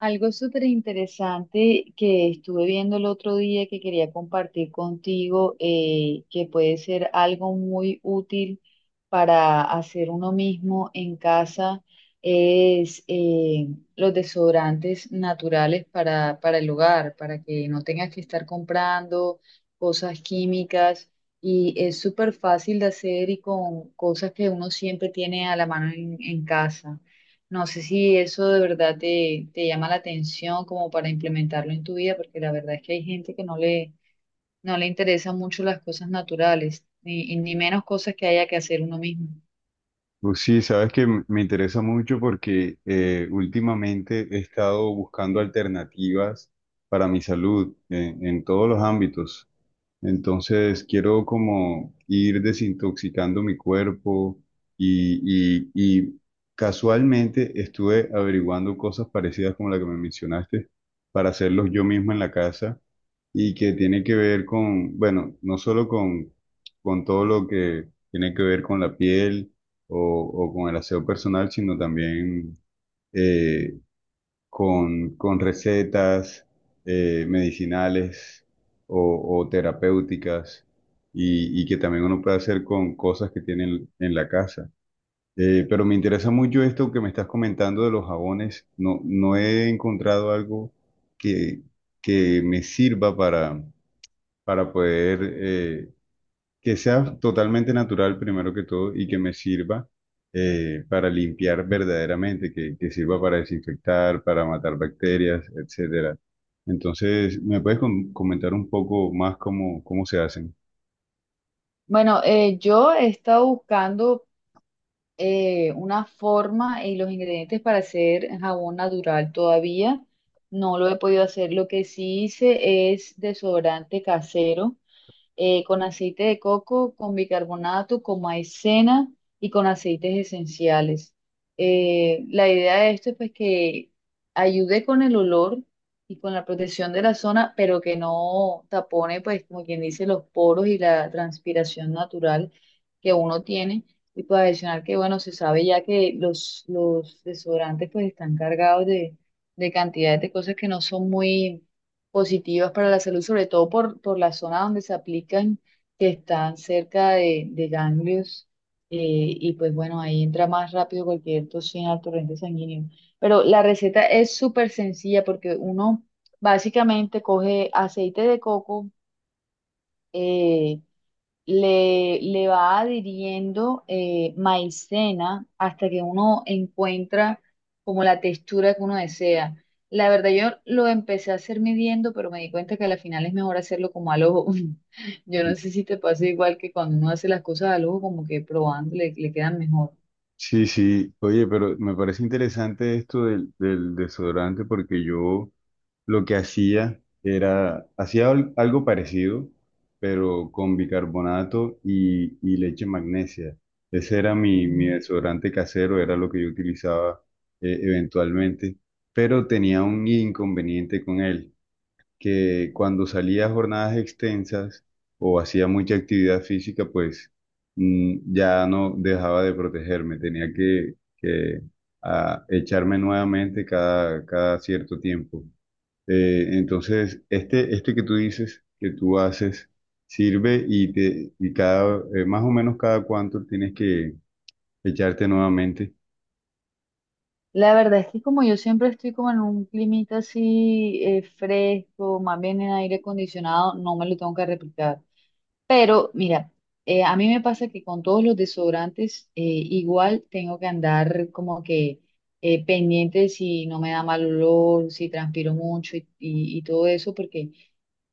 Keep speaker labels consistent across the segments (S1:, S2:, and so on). S1: Algo súper interesante que estuve viendo el otro día que quería compartir contigo, que puede ser algo muy útil para hacer uno mismo en casa, es los desodorantes naturales para el hogar, para que no tengas que estar comprando cosas químicas. Y es súper fácil de hacer y con cosas que uno siempre tiene a la mano en casa. No sé si eso de verdad te llama la atención como para implementarlo en tu vida, porque la verdad es que hay gente que no le interesan mucho las cosas naturales, ni, y ni menos cosas que haya que hacer uno mismo.
S2: Pues sí, sabes que me interesa mucho porque últimamente he estado buscando alternativas para mi salud en todos los ámbitos. Entonces quiero como ir desintoxicando mi cuerpo y casualmente estuve averiguando cosas parecidas como la que me mencionaste para hacerlos yo mismo en la casa y que tiene que ver con, bueno, no solo con todo lo que tiene que ver con la piel o con el aseo personal, sino también eh, con recetas medicinales o terapéuticas y que también uno puede hacer con cosas que tienen en la casa. Pero me interesa mucho esto que me estás comentando de los jabones. No, no he encontrado algo que, que me sirva para poder que sea totalmente natural primero que todo y que me sirva para limpiar verdaderamente, que sirva para desinfectar, para matar bacterias, etcétera. Entonces, ¿me puedes comentar un poco más cómo, cómo se hacen?
S1: Bueno, yo he estado buscando una forma y los ingredientes para hacer jabón natural todavía. No lo he podido hacer. Lo que sí hice es desodorante casero con aceite de coco, con bicarbonato, con maicena y con aceites esenciales. La idea de esto es pues que ayude con el olor y con la protección de la zona, pero que no tapone, pues como quien dice, los poros y la transpiración natural que uno tiene. Y pues adicional que, bueno, se sabe ya que los desodorantes pues están cargados de cantidades de cosas que no son muy positivas para la salud, sobre todo por la zona donde se aplican, que están cerca de ganglios, y pues bueno, ahí entra más rápido cualquier toxina al torrente sanguíneo. Pero la receta es súper sencilla porque uno básicamente coge aceite de coco, eh, le va adhiriendo maicena hasta que uno encuentra como la textura que uno desea. La verdad, yo lo empecé a hacer midiendo, pero me di cuenta que al final es mejor hacerlo como al ojo. Yo no sé si te pasa igual que cuando uno hace las cosas al ojo, como que probando le quedan mejor.
S2: Sí, sí, oye, pero me parece interesante esto del, del desodorante porque yo lo que hacía era, hacía algo parecido, pero con bicarbonato y leche magnesia. Ese era mi, mi
S1: Mm.
S2: desodorante casero, era lo que yo utilizaba eventualmente, pero tenía un inconveniente con él que cuando salía a jornadas extensas o hacía mucha actividad física, pues ya no dejaba de protegerme, tenía que echarme nuevamente cada, cada cierto tiempo. Entonces, este que tú dices, que tú haces, sirve y, te, y cada, más o menos cada cuánto tienes que echarte nuevamente.
S1: La verdad es que como yo siempre estoy como en un climita así fresco, más bien en aire acondicionado, no me lo tengo que replicar. Pero mira, a mí me pasa que con todos los desodorantes igual tengo que andar como que pendiente si no me da mal olor, si transpiro mucho y todo eso, porque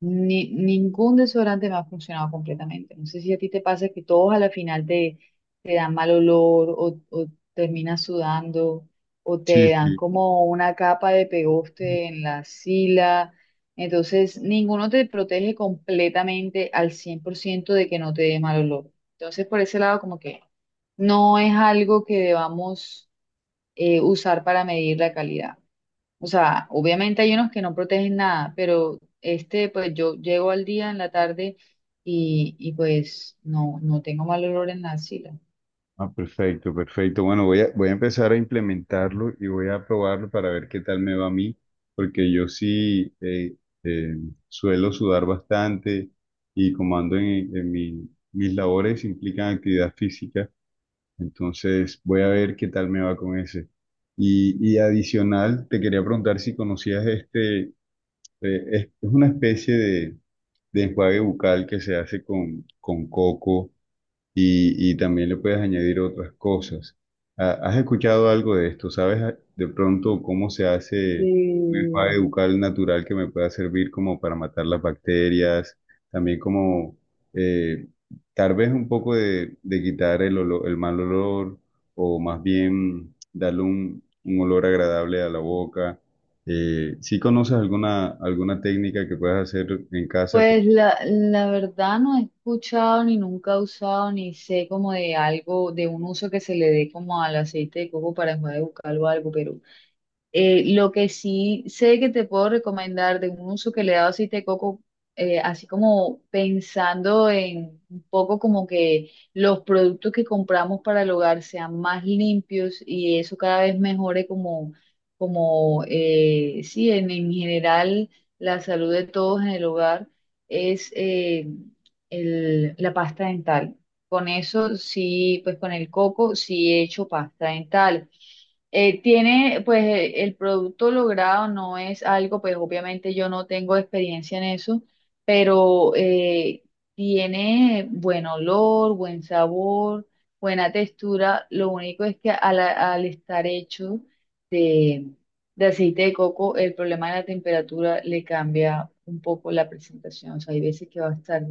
S1: ni, ningún desodorante me ha funcionado completamente. No sé si a ti te pasa que todos a la final te dan mal olor o terminas sudando o
S2: Sí,
S1: te dan
S2: sí.
S1: como una capa de pegoste en la sila. Entonces, ninguno te protege completamente al 100% de que no te dé mal olor. Entonces, por ese lado, como que no es algo que debamos usar para medir la calidad. O sea, obviamente hay unos que no protegen nada, pero este, pues yo llego al día en la tarde y pues no tengo mal olor en la axila.
S2: Ah, perfecto, perfecto. Bueno, voy a, voy a empezar a implementarlo y voy a probarlo para ver qué tal me va a mí, porque yo sí eh, suelo sudar bastante y como ando en mis labores implican actividad física, entonces voy a ver qué tal me va con ese. Y adicional, te quería preguntar si conocías este, es una especie de enjuague bucal que se hace con coco y también le puedes añadir otras cosas. Ah, ¿has escuchado algo de esto? ¿Sabes ah, de pronto cómo se hace un
S1: Mm.
S2: enjuague bucal natural que me pueda servir como para matar las bacterias? También como eh, tal vez un poco de quitar el olor- el mal olor o más bien darle un olor agradable a la boca. ¿Sí conoces alguna, alguna técnica que puedas hacer en casa?
S1: Pues la verdad no he escuchado ni nunca he usado ni sé como de algo, de un uso que se le dé como al aceite de coco para enjuague bucal o algo, pero lo que sí sé que te puedo recomendar de un uso que le he dado aceite de coco, así como pensando en un poco como que los productos que compramos para el hogar sean más limpios y eso cada vez mejore como, como sí, en general la salud de todos en el hogar, es la pasta dental. Con eso sí, pues con el coco sí he hecho pasta dental tiene, pues el producto logrado no es algo, pues obviamente yo no tengo experiencia en eso, pero tiene buen olor, buen sabor, buena textura. Lo único es que al estar hecho de, de aceite de coco, el problema de la temperatura le cambia un poco la presentación. O sea, hay veces que va a estar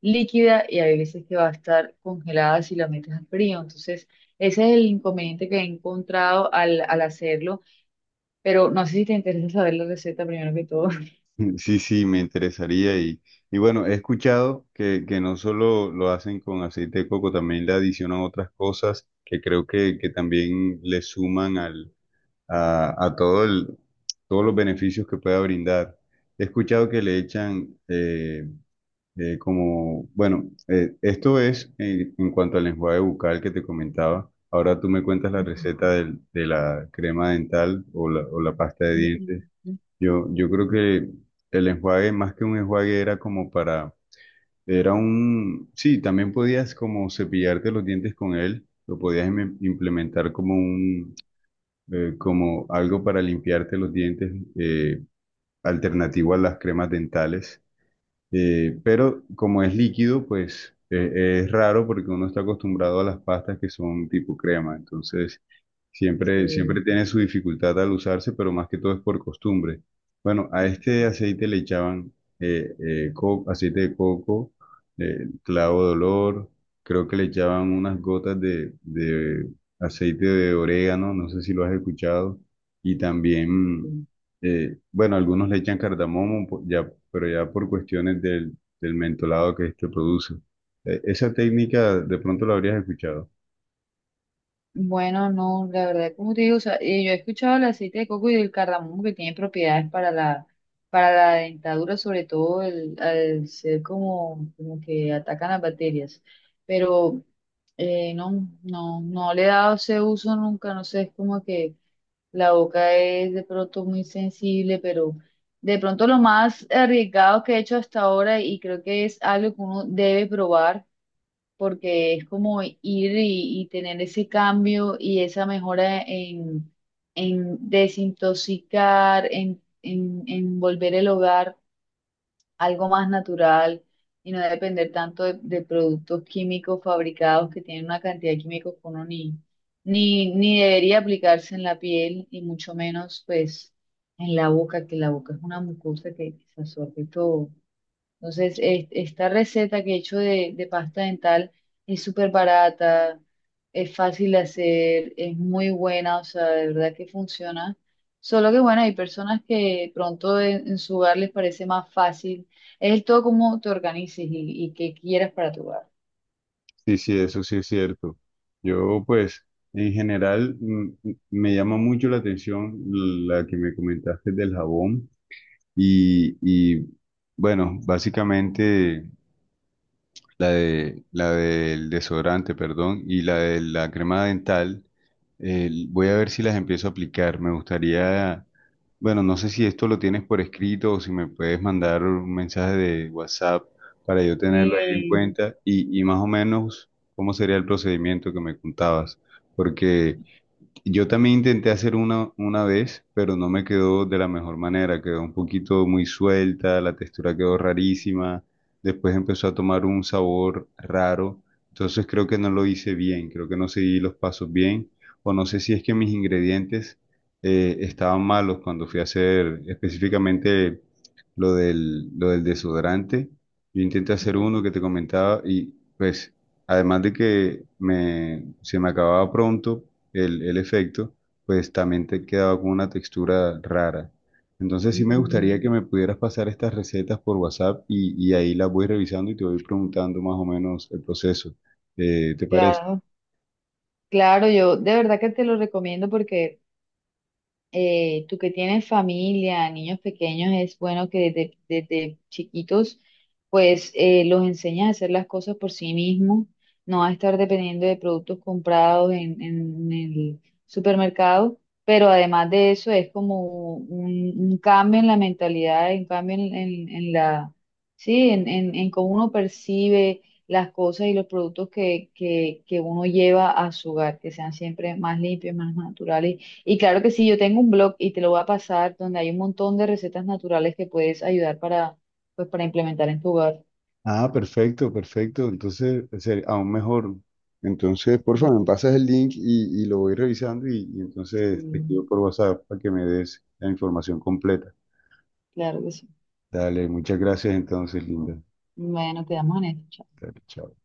S1: líquida y hay veces que va a estar congelada si la metes al frío. Entonces, ese es el inconveniente que he encontrado al hacerlo, pero no sé si te interesa saber la receta primero que todo.
S2: Sí, sí, me interesaría y bueno, he escuchado que no solo lo hacen con aceite de coco, también le adicionan otras cosas que creo que también le suman al, a todo el, todos los beneficios que pueda brindar. He escuchado que le echan como, bueno, esto es en cuanto al enjuague bucal que te comentaba. Ahora tú me cuentas la receta de la crema dental o la pasta de
S1: Ujú,
S2: dientes. Yo creo que el enjuague, más que un enjuague, era como para, era un, sí, también podías como cepillarte los dientes con él, lo podías implementar como un, como algo para limpiarte los dientes, eh, alternativo a las cremas dentales. Pero como es líquido, pues es raro porque uno está acostumbrado a las pastas que son tipo crema. Entonces, siempre, siempre
S1: sí,
S2: tiene su dificultad al usarse, pero más que todo es por costumbre. Bueno, a este aceite le echaban aceite de coco, clavo de olor, creo que le echaban unas gotas de aceite de orégano, no sé si lo has escuchado, y también
S1: sí.
S2: bueno, algunos le echan cardamomo, ya, pero ya por cuestiones del, del mentolado que este produce. Esa técnica de pronto la habrías escuchado.
S1: Bueno, no, la verdad, como te digo, o sea, yo he escuchado el aceite de coco y el cardamomo que tienen propiedades para para la dentadura, sobre todo el, al ser como, como que atacan las bacterias, pero no le he dado ese uso nunca, no sé, es como que la boca es de pronto muy sensible, pero de pronto lo más arriesgado que he hecho hasta ahora y creo que es algo que uno debe probar porque es como ir y tener ese cambio y esa mejora en desintoxicar, en volver el hogar algo más natural y no depender tanto de productos químicos fabricados que tienen una cantidad de químicos que uno ni debería aplicarse en la piel y mucho menos pues en la boca, que la boca es una mucosa que se absorbe todo. Entonces, esta receta que he hecho de pasta dental es súper barata, es fácil de hacer, es muy buena, o sea, de verdad que funciona. Solo que, bueno, hay personas que pronto en su hogar les parece más fácil. Es el todo como te organices y qué quieras para tu hogar.
S2: Sí, sí, eso sí es cierto. Yo, pues, en general me llama mucho la atención la que me comentaste del jabón y bueno, básicamente la de, la del desodorante, perdón, y la de la crema dental. Eh, voy a ver si las empiezo a aplicar. Me gustaría, bueno, no sé si esto lo tienes por escrito o si me puedes mandar un mensaje de WhatsApp para yo tenerlo ahí en
S1: Sí.
S2: cuenta y más o menos cómo sería el procedimiento que me contabas. Porque yo también intenté hacer una vez, pero no me quedó de la mejor manera. Quedó un poquito muy suelta, la textura quedó rarísima. Después empezó a tomar un sabor raro. Entonces creo que no lo hice bien, creo que no seguí los pasos bien. O no sé si es que mis ingredientes estaban malos cuando fui a hacer específicamente lo del desodorante. Yo intenté hacer uno
S1: Mm.
S2: que te comentaba y pues además de que me, se me acababa pronto el efecto, pues también te quedaba con una textura rara. Entonces sí me
S1: mm,
S2: gustaría que me pudieras pasar estas recetas por WhatsApp y ahí las voy revisando y te voy preguntando más o menos el proceso. ¿Te parece?
S1: Claro, claro, yo de verdad que te lo recomiendo porque tú que tienes familia, niños pequeños, es bueno que desde chiquitos pues los enseñes a hacer las cosas por sí mismos, no a estar dependiendo de productos comprados en el supermercado, pero además de eso es como un cambio en la mentalidad, un cambio en, en la, sí, en cómo uno percibe las cosas y los productos que uno lleva a su hogar, que sean siempre más limpios, más naturales y claro que sí, yo tengo un blog y te lo voy a pasar donde hay un montón de recetas naturales que puedes ayudar para, pues, para implementar en tu hogar.
S2: Ah, perfecto, perfecto. Entonces, aún mejor. Entonces, por favor, me pasas el link y lo voy revisando y
S1: Sí,
S2: entonces te escribo por WhatsApp para que me des la información completa.
S1: claro que sí.
S2: Dale, muchas gracias entonces, Linda.
S1: Bueno, quedamos en esto. Chao.
S2: Dale, chao.